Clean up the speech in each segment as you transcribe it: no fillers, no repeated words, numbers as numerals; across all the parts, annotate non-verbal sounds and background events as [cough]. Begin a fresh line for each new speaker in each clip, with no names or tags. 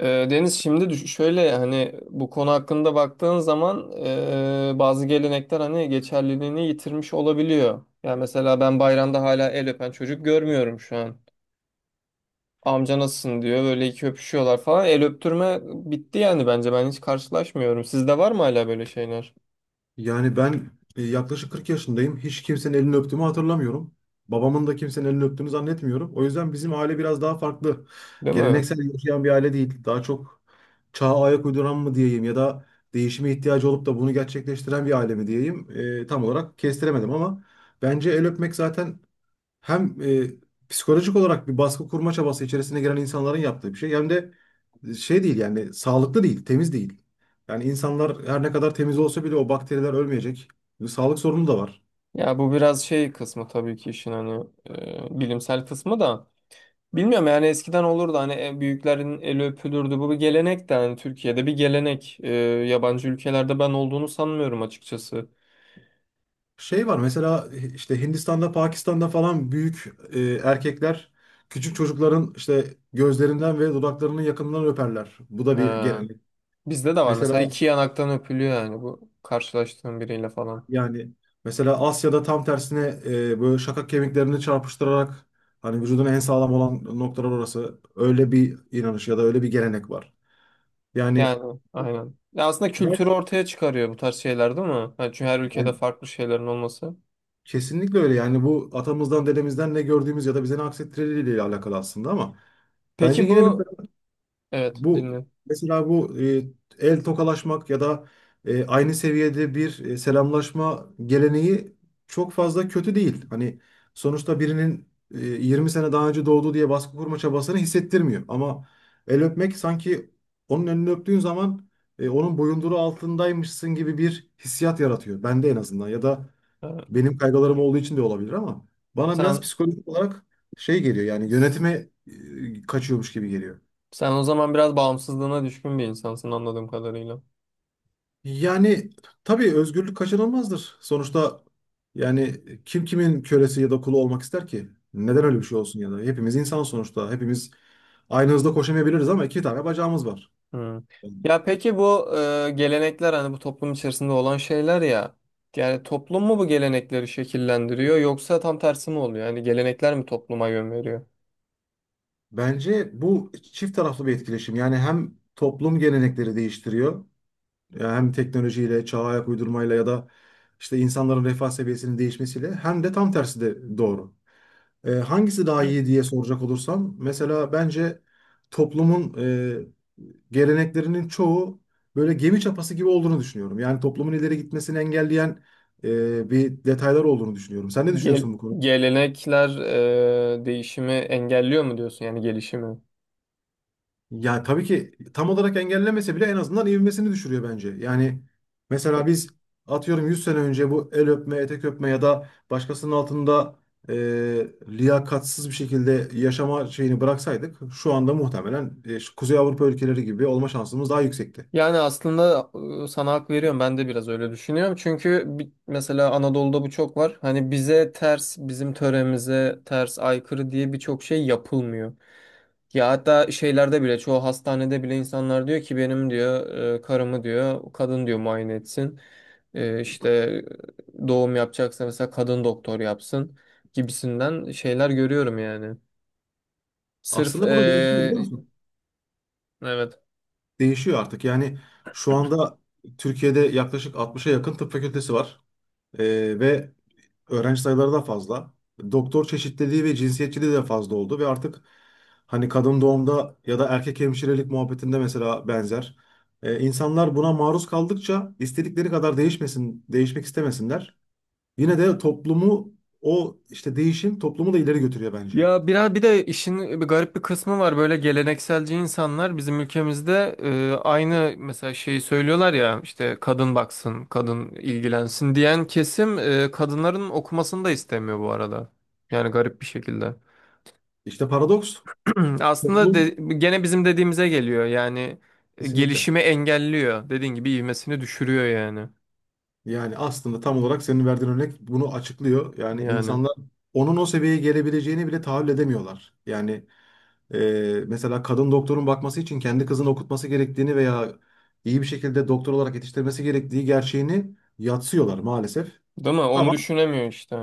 Deniz, şimdi şöyle hani bu konu hakkında baktığın zaman bazı gelenekler hani geçerliliğini yitirmiş olabiliyor. Yani mesela ben bayramda hala el öpen çocuk görmüyorum şu an. Amca nasılsın diyor böyle iki öpüşüyorlar falan. El öptürme bitti yani bence ben hiç karşılaşmıyorum. Sizde var mı hala böyle şeyler?
Yani ben yaklaşık 40 yaşındayım. Hiç kimsenin elini öptüğümü hatırlamıyorum. Babamın da kimsenin elini öptüğünü zannetmiyorum. O yüzden bizim aile biraz daha farklı.
Değil mi?
Geleneksel yaşayan bir aile değil. Daha çok çağa ayak uyduran mı diyeyim ya da değişime ihtiyacı olup da bunu gerçekleştiren bir aile mi diyeyim. Tam olarak kestiremedim ama bence el öpmek zaten hem psikolojik olarak bir baskı kurma çabası içerisine giren insanların yaptığı bir şey hem de şey değil, yani sağlıklı değil, temiz değil. Yani insanlar her ne kadar temiz olsa bile o bakteriler ölmeyecek. Bir sağlık sorunu da var.
Ya bu biraz şey kısmı tabii ki işin hani bilimsel kısmı da. Bilmiyorum yani eskiden olurdu hani en büyüklerin eli öpülürdü. Bu bir gelenek de hani Türkiye'de bir gelenek. Yabancı ülkelerde ben olduğunu sanmıyorum açıkçası.
Şey var mesela, işte Hindistan'da, Pakistan'da falan büyük erkekler küçük çocukların işte gözlerinden ve dudaklarının yakınından öperler. Bu da bir
Ee,
gelenek.
bizde de var
Mesela
mesela iki yanaktan öpülüyor yani bu karşılaştığım biriyle falan.
yani mesela Asya'da tam tersine böyle şakak kemiklerini çarpıştırarak hani vücudun en sağlam olan noktalar orası. Öyle bir inanış ya da öyle bir gelenek var. Yani
Yani aynen. Ya aslında
ben,
kültürü ortaya çıkarıyor bu tarz şeyler değil mi? Ha, çünkü her ülkede
ben
farklı şeylerin olması.
kesinlikle öyle. Yani bu atamızdan, dedemizden ne gördüğümüz ya da bize ne aksettirileriyle alakalı aslında. Ama bence
Peki
yine
bu evet
bu,
dinle.
mesela bu el tokalaşmak ya da aynı seviyede bir selamlaşma geleneği çok fazla kötü değil. Hani sonuçta birinin 20 sene daha önce doğdu diye baskı kurma çabasını hissettirmiyor. Ama el öpmek sanki onun elini öptüğün zaman onun boyunduruğu altındaymışsın gibi bir hissiyat yaratıyor bende, en azından. Ya da
Ee,
benim kaygılarım olduğu için de olabilir, ama bana biraz
sen
psikolojik olarak şey geliyor, yani yönetime kaçıyormuş gibi geliyor.
sen o zaman biraz bağımsızlığına düşkün bir insansın anladığım kadarıyla.
Yani tabii özgürlük kaçınılmazdır. Sonuçta yani kim kimin kölesi ya da kulu olmak ister ki? Neden öyle bir şey olsun ya da? Hepimiz insan sonuçta. Hepimiz aynı hızda koşamayabiliriz ama iki tane bacağımız var.
Hmm. Ya peki bu gelenekler hani bu toplum içerisinde olan şeyler ya. Yani toplum mu bu gelenekleri şekillendiriyor yoksa tam tersi mi oluyor? Yani gelenekler mi topluma yön veriyor?
Bence bu çift taraflı bir etkileşim. Yani hem toplum gelenekleri değiştiriyor, yani hem teknolojiyle, çağa ayak uydurmayla ya da işte insanların refah seviyesinin değişmesiyle, hem de tam tersi de doğru. Hangisi daha iyi diye soracak olursam, mesela bence toplumun geleneklerinin çoğu böyle gemi çapası gibi olduğunu düşünüyorum. Yani toplumun ileri gitmesini engelleyen bir detaylar olduğunu düşünüyorum. Sen ne
Gel-
düşünüyorsun bu konuda?
gelenekler değişimi engelliyor mu diyorsun yani gelişimi?
Ya tabii ki tam olarak engellemese bile en azından ivmesini düşürüyor bence. Yani mesela biz atıyorum 100 sene önce bu el öpme, etek öpme ya da başkasının altında e, liyakatsız bir şekilde yaşama şeyini bıraksaydık şu anda muhtemelen şu Kuzey Avrupa ülkeleri gibi olma şansımız daha yüksekti.
Yani aslında sana hak veriyorum. Ben de biraz öyle düşünüyorum. Çünkü mesela Anadolu'da bu çok var. Hani bize ters, bizim töremize ters, aykırı diye birçok şey yapılmıyor. Ya hatta şeylerde bile, çoğu hastanede bile insanlar diyor ki benim diyor karımı diyor, kadın diyor muayene etsin. İşte doğum yapacaksa mesela kadın doktor yapsın gibisinden şeyler görüyorum yani. Sırf
Aslında bu da değişiyor, biliyor musun?
evet.
Değişiyor artık. Yani şu anda Türkiye'de yaklaşık 60'a yakın tıp fakültesi var. Ve öğrenci sayıları da fazla. Doktor çeşitliliği ve cinsiyetçiliği de fazla oldu ve artık hani kadın doğumda ya da erkek hemşirelik muhabbetinde mesela benzer. İnsanlar buna maruz kaldıkça istedikleri kadar değişmesin, değişmek istemesinler. Yine de toplumu, o işte değişim toplumu da ileri götürüyor bence.
Ya biraz bir de işin bir garip bir kısmı var böyle gelenekselci insanlar bizim ülkemizde aynı mesela şeyi söylüyorlar ya işte kadın baksın, kadın ilgilensin diyen kesim kadınların okumasını da istemiyor bu arada. Yani garip bir şekilde.
İşte paradoks
[clears throat] Aslında
toplum
gene bizim dediğimize geliyor yani
kesinlikle.
gelişimi engelliyor. Dediğin gibi ivmesini düşürüyor yani.
Yani aslında tam olarak senin verdiğin örnek bunu açıklıyor. Yani
Yani
insanlar onun o seviyeye gelebileceğini bile tahayyül edemiyorlar. Yani mesela kadın doktorun bakması için kendi kızını okutması gerektiğini veya iyi bir şekilde doktor olarak yetiştirmesi gerektiği gerçeğini yatsıyorlar maalesef.
değil mi? Onu
Ama
düşünemiyor işte.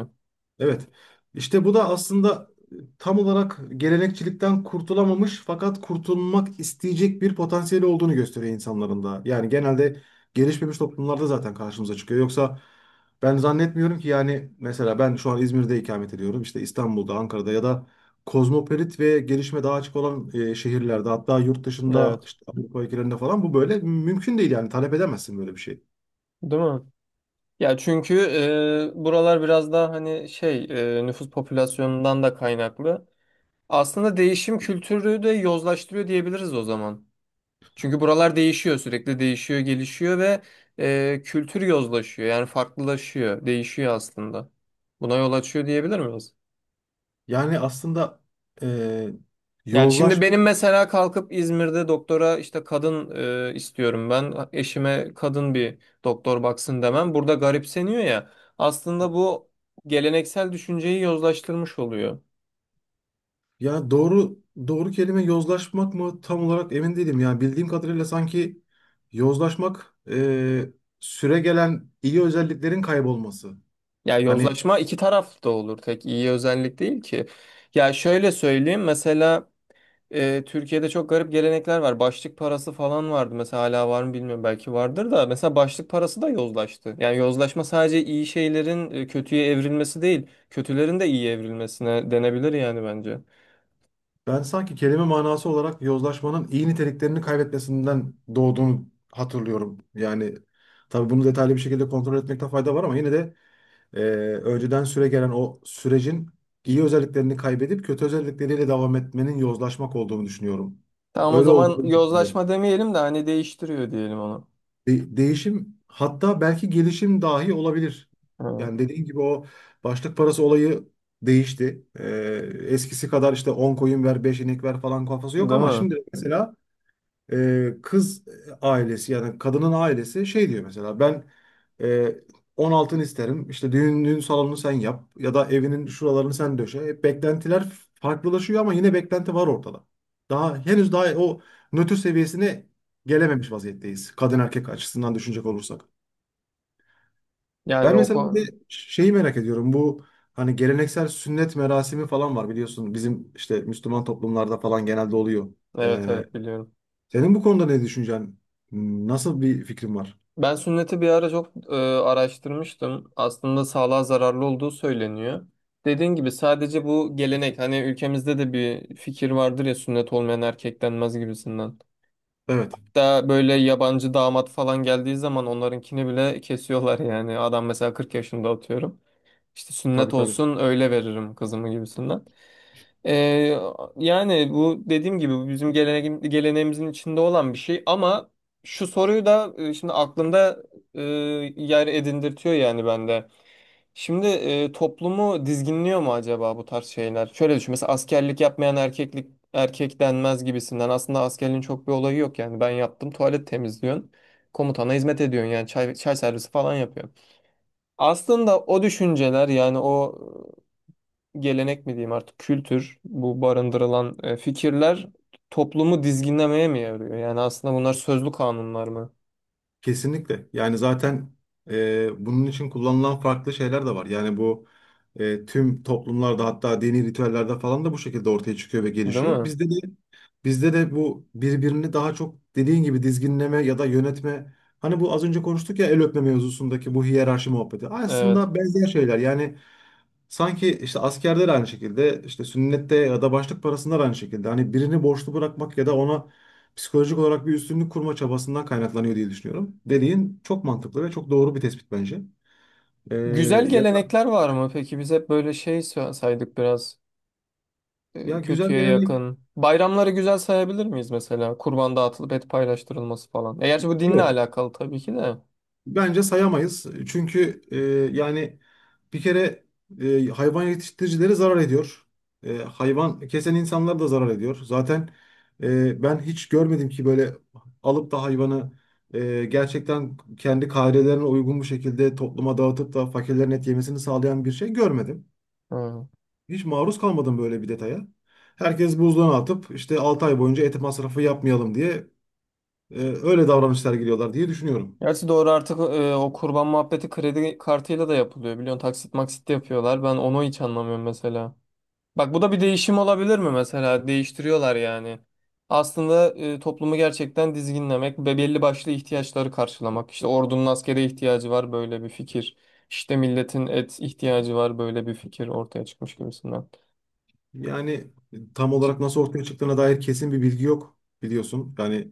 evet. İşte bu da aslında tam olarak gelenekçilikten kurtulamamış fakat kurtulmak isteyecek bir potansiyeli olduğunu gösteriyor insanların da. Yani genelde gelişmemiş toplumlarda zaten karşımıza çıkıyor. Yoksa ben zannetmiyorum ki. Yani mesela ben şu an İzmir'de ikamet ediyorum. İşte İstanbul'da, Ankara'da ya da kozmopolit ve gelişme daha açık olan şehirlerde, hatta yurt dışında
Evet.
işte Avrupa ülkelerinde falan bu böyle mümkün değil, yani talep edemezsin böyle bir şey.
Değil mi? Ya çünkü buralar biraz daha hani şey nüfus popülasyonundan da kaynaklı. Aslında değişim kültürü de yozlaştırıyor diyebiliriz o zaman. Çünkü buralar değişiyor sürekli değişiyor gelişiyor ve kültür yozlaşıyor yani farklılaşıyor değişiyor aslında. Buna yol açıyor diyebilir miyiz?
Yani aslında e,
Yani şimdi
yozlaşma,
benim mesela kalkıp İzmir'de doktora işte kadın istiyorum ben. Eşime kadın bir doktor baksın demem. Burada garipseniyor ya. Aslında bu geleneksel düşünceyi yozlaştırmış oluyor.
ya doğru doğru kelime yozlaşmak mı tam olarak emin değilim. Yani bildiğim kadarıyla sanki yozlaşmak süre gelen iyi özelliklerin kaybolması.
Ya
Hani
yozlaşma iki taraflı da olur. Tek iyi özellik değil ki. Ya şöyle söyleyeyim. Mesela Türkiye'de çok garip gelenekler var. Başlık parası falan vardı. Mesela hala var mı bilmiyorum. Belki vardır da. Mesela başlık parası da yozlaştı. Yani yozlaşma sadece iyi şeylerin kötüye evrilmesi değil. Kötülerin de iyi evrilmesine denebilir yani bence.
ben sanki kelime manası olarak yozlaşmanın iyi niteliklerini kaybetmesinden doğduğunu hatırlıyorum. Yani tabii bunu detaylı bir şekilde kontrol etmekte fayda var ama yine de e, önceden süre gelen o sürecin iyi özelliklerini kaybedip kötü özellikleriyle devam etmenin yozlaşmak olduğunu düşünüyorum.
Tamam o
Öyle
zaman
olduğunu düşünüyorum.
yozlaşma demeyelim de hani değiştiriyor diyelim onu.
Değişim, hatta belki gelişim dahi olabilir.
Hı.
Yani dediğin gibi o başlık parası olayı değişti. Eskisi kadar işte 10 koyun ver, 5 inek ver falan kafası yok
Değil
ama
mi?
şimdi mesela kız ailesi, yani kadının ailesi şey diyor mesela: ben e, 10 altın isterim, işte düğün salonunu sen yap ya da evinin şuralarını sen döşe. Beklentiler farklılaşıyor ama yine beklenti var ortada. Daha henüz daha o nötr seviyesine gelememiş vaziyetteyiz kadın erkek açısından düşünecek olursak.
Yani
Ben
o
mesela bir
konu...
de şeyi merak ediyorum, bu hani geleneksel sünnet merasimi falan var biliyorsun bizim işte Müslüman toplumlarda falan genelde oluyor.
Evet,
Ee,
evet, biliyorum.
senin bu konuda ne düşüncen? Nasıl bir fikrin var?
Ben sünneti bir ara çok araştırmıştım. Aslında sağlığa zararlı olduğu söyleniyor. Dediğin gibi sadece bu gelenek hani ülkemizde de bir fikir vardır ya sünnet olmayan erkek denmez gibisinden.
Evet,
Daha böyle yabancı damat falan geldiği zaman onlarınkini bile kesiyorlar yani. Adam mesela 40 yaşında atıyorum. İşte sünnet
tabii tabii.
olsun öyle veririm kızımı gibisinden. Ee, yani bu dediğim gibi bu bizim geleneğimizin içinde olan bir şey ama şu soruyu da şimdi aklımda e, yer edindirtiyor yani bende. Şimdi toplumu dizginliyor mu acaba bu tarz şeyler? Şöyle düşün mesela askerlik yapmayan erkeklik erkek denmez gibisinden aslında askerliğin çok bir olayı yok yani ben yaptım tuvalet temizliyorsun komutana hizmet ediyorsun yani çay servisi falan yapıyorsun. Aslında o düşünceler yani o gelenek mi diyeyim artık kültür bu barındırılan fikirler toplumu dizginlemeye mi yarıyor? Yani aslında bunlar sözlü kanunlar mı?
Kesinlikle. Yani zaten bunun için kullanılan farklı şeyler de var. Yani bu tüm toplumlarda, hatta dini ritüellerde falan da bu şekilde ortaya çıkıyor ve
Değil
gelişiyor.
mi?
Bizde de bu, birbirini daha çok dediğin gibi dizginleme ya da yönetme. Hani bu az önce konuştuk ya el öpme mevzusundaki bu hiyerarşi muhabbeti.
Evet.
Aslında benzer şeyler. Yani sanki işte askerde de aynı şekilde, işte sünnette ya da başlık parasında da aynı şekilde. Hani birini borçlu bırakmak ya da ona psikolojik olarak bir üstünlük kurma çabasından kaynaklanıyor diye düşünüyorum. Dediğin çok mantıklı ve çok doğru bir tespit bence. Ee,
Güzel
ya da
gelenekler var mı? Peki biz hep böyle şey saydık biraz
ya güzel
kötüye
gelenek
yakın. Bayramları güzel sayabilir miyiz mesela? Kurban dağıtılıp et paylaştırılması falan. E, gerçi bu dinle
yok.
alakalı tabii ki de.
Bence sayamayız. Çünkü yani bir kere hayvan yetiştiricileri zarar ediyor. Hayvan kesen insanlar da zarar ediyor. Zaten ben hiç görmedim ki böyle alıp da hayvanı gerçekten kendi kaidelerine uygun bu şekilde topluma dağıtıp da fakirlerin et yemesini sağlayan bir şey görmedim.
Hı.
Hiç maruz kalmadım böyle bir detaya. Herkes buzluğuna atıp işte 6 ay boyunca et masrafı yapmayalım diye öyle davranışlar geliyorlar diye düşünüyorum.
Gerçi doğru artık o kurban muhabbeti kredi kartıyla da yapılıyor. Biliyorsun taksit maksit de yapıyorlar. Ben onu hiç anlamıyorum mesela. Bak bu da bir değişim olabilir mi mesela? Değiştiriyorlar yani. Aslında toplumu gerçekten dizginlemek ve belli başlı ihtiyaçları karşılamak. İşte ordunun askere ihtiyacı var böyle bir fikir. İşte milletin et ihtiyacı var böyle bir fikir ortaya çıkmış gibisinden.
Yani tam
Ç-
olarak nasıl ortaya çıktığına dair kesin bir bilgi yok biliyorsun. Yani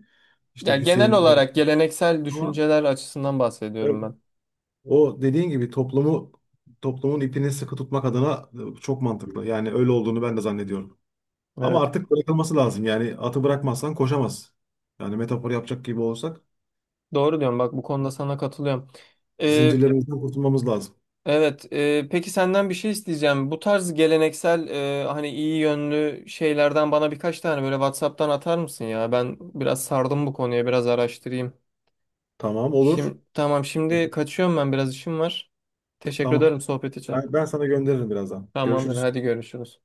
Ya
işte
genel
Hüseyin Davut,
olarak geleneksel
ama
düşünceler açısından bahsediyorum
evet,
ben.
o dediğin gibi toplumu, toplumun ipini sıkı tutmak adına çok mantıklı. Yani öyle olduğunu ben de zannediyorum. Ama
Evet.
artık bırakılması lazım. Yani atı bırakmazsan koşamaz. Yani metafor yapacak gibi olsak,
Doğru diyorsun. Bak bu konuda sana katılıyorum. E,
zincirlerimizden kurtulmamız lazım.
Evet, peki senden bir şey isteyeceğim. Bu tarz geleneksel hani iyi yönlü şeylerden bana birkaç tane böyle WhatsApp'tan atar mısın ya? Ben biraz sardım bu konuya, biraz araştırayım.
Tamam, olur.
Şimdi tamam, şimdi kaçıyorum ben biraz işim var. Teşekkür
Tamam.
ederim sohbet için.
Ben sana gönderirim birazdan.
Tamamdır,
Görüşürüz.
hadi görüşürüz.